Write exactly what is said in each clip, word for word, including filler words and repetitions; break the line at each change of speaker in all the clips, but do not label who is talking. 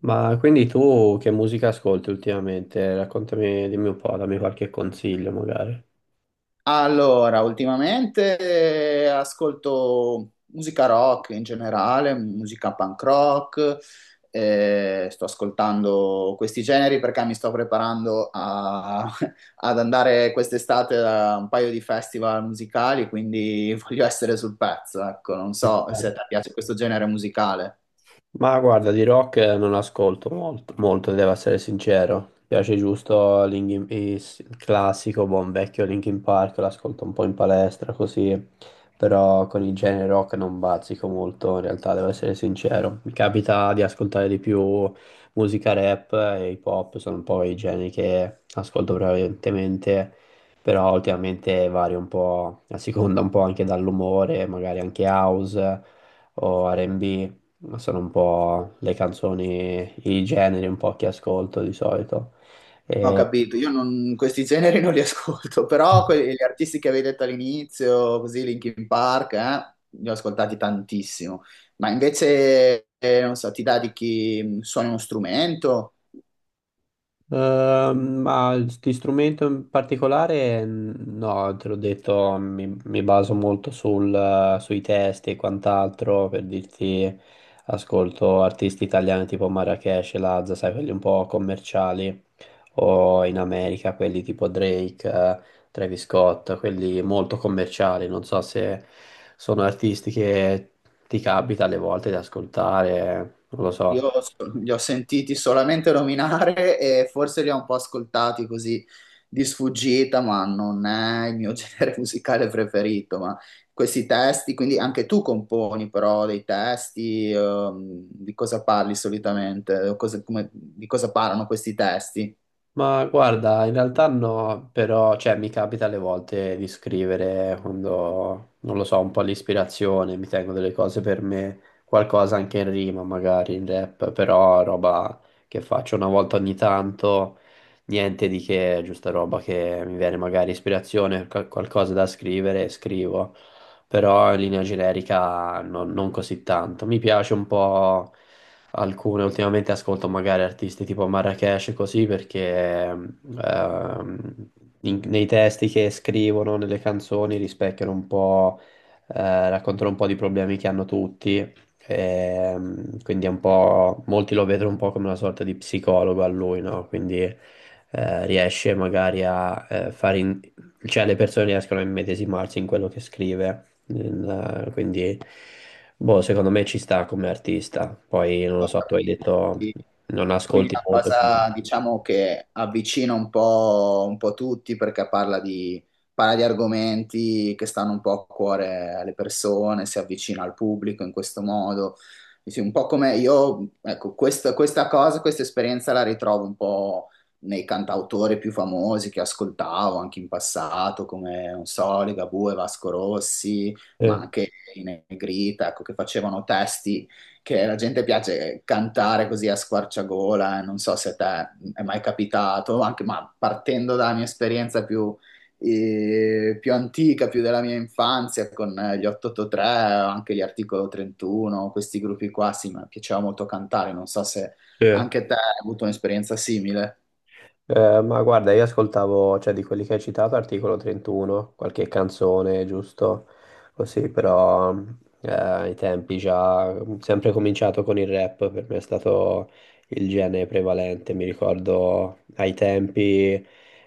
Ma quindi tu che musica ascolti ultimamente? Raccontami, dimmi un po', dammi qualche consiglio magari.
Allora, ultimamente eh, ascolto musica rock in generale, musica punk rock, eh, sto ascoltando questi generi perché mi sto preparando a- ad andare quest'estate a un paio di festival musicali, quindi voglio essere sul pezzo, ecco, non so se a te piace questo genere musicale.
Ma guarda, di rock non ascolto molto, molto, devo essere sincero. Mi piace giusto Linkin- is- il classico, buon vecchio Linkin Park, l'ascolto un po' in palestra così, però con il genere rock non bazzico molto, in realtà devo essere sincero. Mi capita di ascoltare di più musica rap e hip hop, sono un po' i generi che ascolto prevalentemente, però ultimamente vario un po' a seconda un po' anche dall'umore, magari anche house o ar and bi. Ma sono un po' le canzoni, i generi un po' che ascolto di solito.
Ho capito, io non, questi generi non li ascolto, però quelli, gli artisti che avevi detto all'inizio, così Linkin Park, eh, li ho ascoltati tantissimo. Ma invece, eh, non so, ti dà di chi suona uno strumento?
Ehm, ma di strumento in particolare, mm, no, te l'ho detto, mi, mi baso molto sul, eh, sui testi e quant'altro per dirti, ascolto artisti italiani tipo Marracash, e Lazza, sai, quelli un po' commerciali, o in America quelli tipo Drake, eh, Travis Scott, quelli molto commerciali, non so se sono artisti che ti capita alle volte di ascoltare, non lo so.
Io so- li ho sentiti solamente nominare e forse li ho un po' ascoltati così di sfuggita, ma non è il mio genere musicale preferito. Ma questi testi, quindi anche tu componi però dei testi, ehm, di cosa parli solitamente? O Cosa- come- di cosa parlano questi testi?
Ma guarda, in realtà no, però cioè, mi capita alle volte di scrivere quando, non lo so, un po' l'ispirazione, mi tengo delle cose per me, qualcosa anche in rima, magari in rap, però roba che faccio una volta ogni tanto, niente di che, giusta roba che mi viene magari ispirazione, qual- qualcosa da scrivere, scrivo, però in linea generica non non così tanto. Mi piace un po' alcune. Ultimamente ascolto magari artisti tipo Marracash e così perché ehm, ehm, in- nei testi che scrivono, nelle canzoni rispecchiano un po', eh, raccontano un po' di problemi che hanno tutti. ehm, quindi è un po', molti lo vedono un po' come una sorta di psicologo a lui, no? Quindi eh, riesce magari a eh, fare, in- cioè le persone riescono a immedesimarsi in quello che scrive. Nel- quindi, boh, secondo me ci sta come artista. Poi, non lo
Ho
so, tu hai
capito.
detto non
Quindi è
ascolti
una
molto.
cosa, diciamo, che avvicina un po', un po' tutti perché parla di, parla di argomenti che stanno un po' a cuore alle persone, si avvicina al pubblico in questo modo. Sì, sì, un po' come io, ecco, questa, questa cosa, questa esperienza la ritrovo un po' nei cantautori più famosi che ascoltavo anche in passato, come, non so, Ligabue, Vasco Rossi, ma
Eh,
anche i Negrita, ecco, che facevano testi che la gente piace cantare così a squarciagola, e non so se a te è mai capitato, anche, ma partendo dalla mia esperienza più, eh, più antica, più della mia infanzia, con eh, gli ottantotto tre, anche gli Articolo trentuno, questi gruppi qua, sì, mi piaceva molto cantare, non so se
sì.
anche te hai avuto un'esperienza simile.
Eh, ma guarda, io ascoltavo, cioè di quelli che hai citato, Articolo trentuno, qualche canzone, giusto? Così, però eh, ai tempi già, sempre cominciato con il rap, per me è stato il genere prevalente, mi ricordo ai tempi,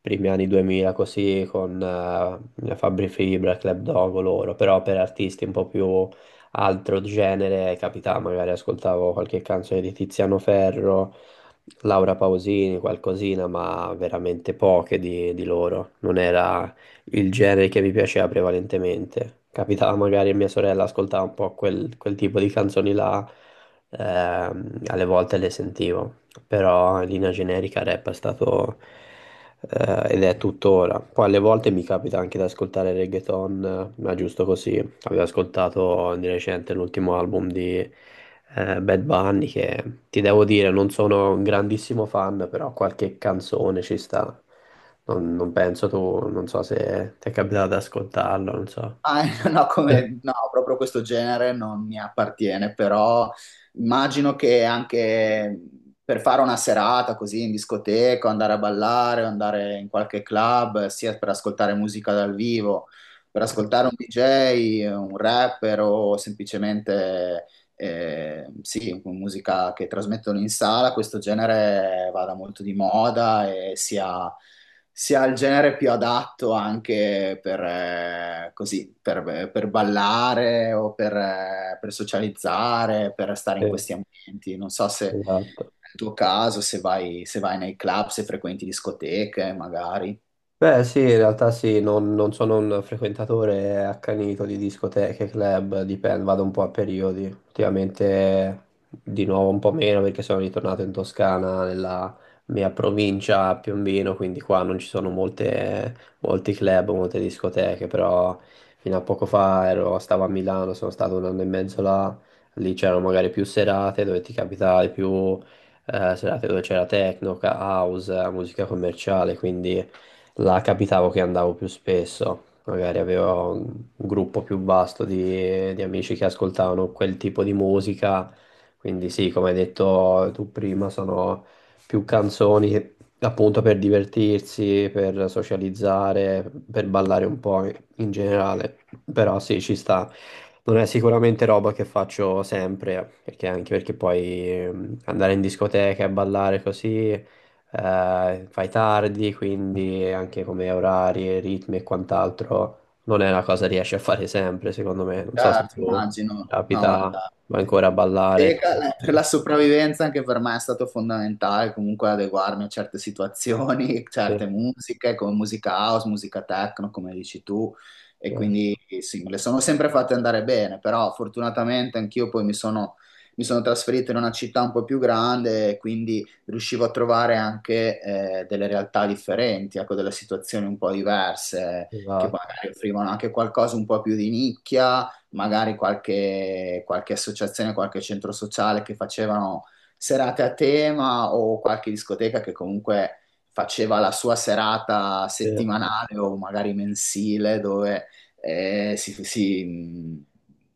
primi anni duemila, così, con eh, Fabri Fibra, Club Dogo, loro, però per artisti un po' più altro genere, capitava, magari ascoltavo qualche canzone di Tiziano Ferro Laura Pausini, qualcosina, ma veramente poche di, di loro. Non era il genere che mi piaceva prevalentemente. Capitava magari a mia sorella ascoltava un po' quel, quel tipo di canzoni là, ehm, alle volte le sentivo, però in linea generica rap è stato eh, ed è tuttora. Poi alle volte mi capita anche di ascoltare reggaeton, eh, ma giusto così, avevo ascoltato di recente l'ultimo album di eh, Bad Bunny che ti devo dire non sono un grandissimo fan, però qualche canzone ci sta. Non, non penso tu, non so se ti è capitato ad ascoltarlo, non so.
Ah, no, come, no, proprio questo genere non mi appartiene, però immagino che anche per fare una serata così in discoteca, andare a ballare, andare in qualche club, sia per ascoltare musica dal vivo, per ascoltare un di jay, un rapper o semplicemente eh, sì, con musica che trasmettono in sala, questo genere vada molto di moda e sia sia il genere più adatto anche per, eh, così, per, per ballare o per, eh, per socializzare, per stare
Sì,
in questi ambienti. Non so se
esatto.
nel tuo caso, se vai, se vai nei club, se frequenti discoteche, magari.
Beh, sì, in realtà sì, non, non sono un frequentatore accanito di discoteche, club, dipende, vado un po' a periodi. Ultimamente di nuovo un po' meno perché sono ritornato in Toscana, nella mia provincia a Piombino, quindi qua non ci sono molte, molti club, molte discoteche, però fino a poco fa ero- stavo a Milano, sono stato un anno e mezzo là, lì c'erano magari più serate dove ti capitavi più eh, serate dove c'era techno, house, musica commerciale, quindi... Là capitavo che andavo più spesso, magari avevo un un gruppo più vasto di, di amici che ascoltavano quel tipo di musica, quindi sì, come hai detto tu prima, sono più canzoni che- appunto per divertirsi, per socializzare, per ballare un po' in generale, però sì, ci sta. Non è sicuramente roba che faccio sempre, perché anche perché poi ehm, andare in discoteca e ballare così eh, fai tardi, quindi anche come orari, ritmi e quant'altro non è una cosa che riesci a fare sempre, secondo me. Non so se
Certo,
tu
immagino. No,
capita,
guarda,
vai
sì.
ancora a ballare.
Teca, la- per la sopravvivenza anche per me è stato fondamentale comunque adeguarmi a certe situazioni,
Sì,
certe musiche, come musica house, musica techno, come dici tu, e
sì,
quindi sì, me le sono sempre fatte andare bene, però fortunatamente anch'io poi mi sono, mi sono trasferito in una città un po' più grande, e quindi riuscivo a trovare anche eh, delle realtà differenti, ecco, delle situazioni un po' diverse,
sì,
che
esatto.
magari offrivano anche qualcosa un po' più di nicchia magari qualche, qualche associazione, qualche centro sociale che facevano serate a tema o qualche discoteca che comunque faceva la sua serata settimanale o magari mensile dove eh, si, si-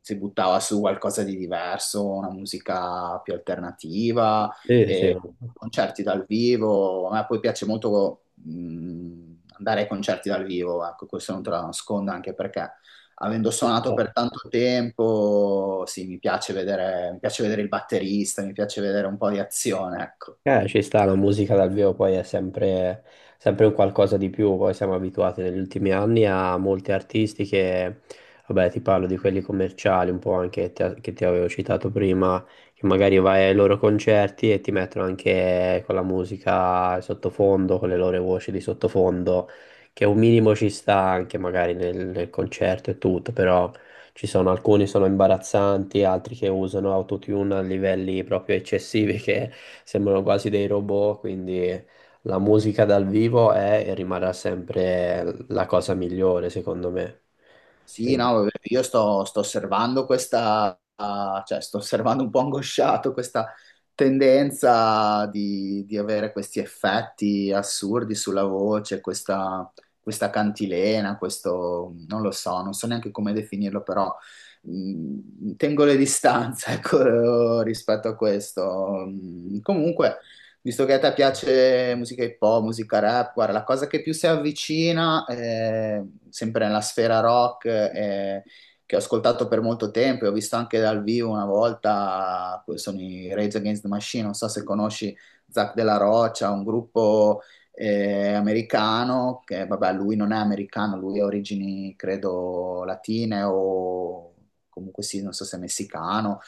si buttava su qualcosa di diverso, una musica più alternativa,
Sì, sì, sì.
e concerti dal vivo. A me poi piace molto mh, andare ai concerti dal vivo, ecco, questo non te lo nascondo anche perché avendo suonato per tanto tempo, sì, mi piace vedere, mi piace vedere il batterista, mi piace vedere un po' di azione, ecco.
Eh, ci sta, la musica dal vivo poi è sempre, sempre un qualcosa di più, poi siamo abituati negli ultimi anni a molti artisti che, vabbè, ti parlo di quelli commerciali, un po' anche te- che ti avevo citato prima, che magari vai ai loro concerti e ti mettono anche con la musica sottofondo, con le loro voci di sottofondo, che un minimo ci sta anche magari nel, nel concerto e tutto, però ci sono alcuni sono imbarazzanti, altri che usano autotune a livelli proprio eccessivi che sembrano quasi dei robot, quindi la musica dal vivo è e rimarrà sempre la cosa migliore, secondo me.
Sì,
Quindi,
no, vabbè, io sto, sto osservando questa, ah, cioè sto osservando un po' angosciato questa tendenza di, di avere questi effetti assurdi sulla voce, questa, questa cantilena, questo, non lo so, non so neanche come definirlo, però mh, tengo le distanze, ecco, rispetto a questo. Mh, Comunque... Visto che a te piace musica hip hop, musica rap, guarda, la cosa che più si avvicina, eh, sempre nella sfera rock, eh, che ho ascoltato per molto tempo e ho visto anche dal vivo una volta, sono i Rage Against the Machine, non so se conosci Zac Della Rocha, un gruppo eh, americano, che vabbè, lui non è americano, lui ha origini, credo, latine o comunque sì, non so se messicano.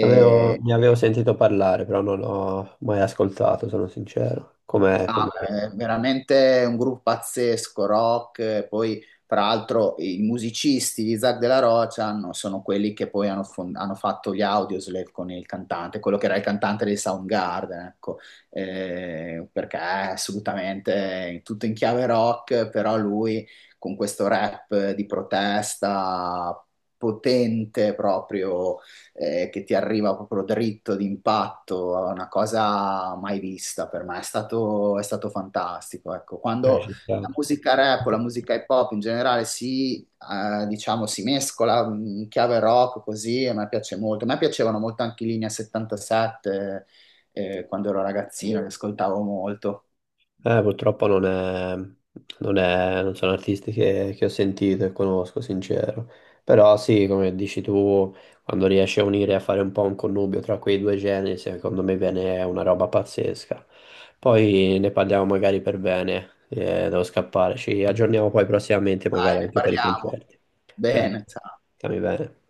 avevo- ne avevo sentito parlare, però non l'ho mai ascoltato, sono sincero. Com'è?
ah,
Com'è?
è veramente un gruppo pazzesco, rock, eh, poi tra l'altro i musicisti di Isaac Della Rocha hanno- sono quelli che poi hanno, fon- hanno fatto gli Audioslave con il cantante, quello che era il cantante dei Soundgarden, ecco, eh, perché è assolutamente tutto in chiave rock, però lui con questo rap di protesta potente proprio eh, che ti arriva proprio dritto d'impatto, è una cosa mai vista per me, è stato, è stato fantastico. Ecco,
Eh,
quando
ci
la
sta.
musica rap o la musica hip hop in generale si, eh, diciamo, si mescola mm, in chiave rock così, a me piace molto. A me piacevano molto anche i Linea settantasette, eh, quando ero ragazzino, li ascoltavo molto.
Eh, purtroppo non è, non è- non sono artisti che, che ho sentito e conosco, sincero. Però sì, come dici tu, quando riesci a unire, a fare un po' un connubio tra quei due generi, secondo me viene una roba pazzesca. Poi ne parliamo magari per bene, eh, devo scappare, ci aggiorniamo poi prossimamente magari
Dai, ne
anche per i
parliamo.
concerti. Cioè,
Bene, ciao.
stiamo bene.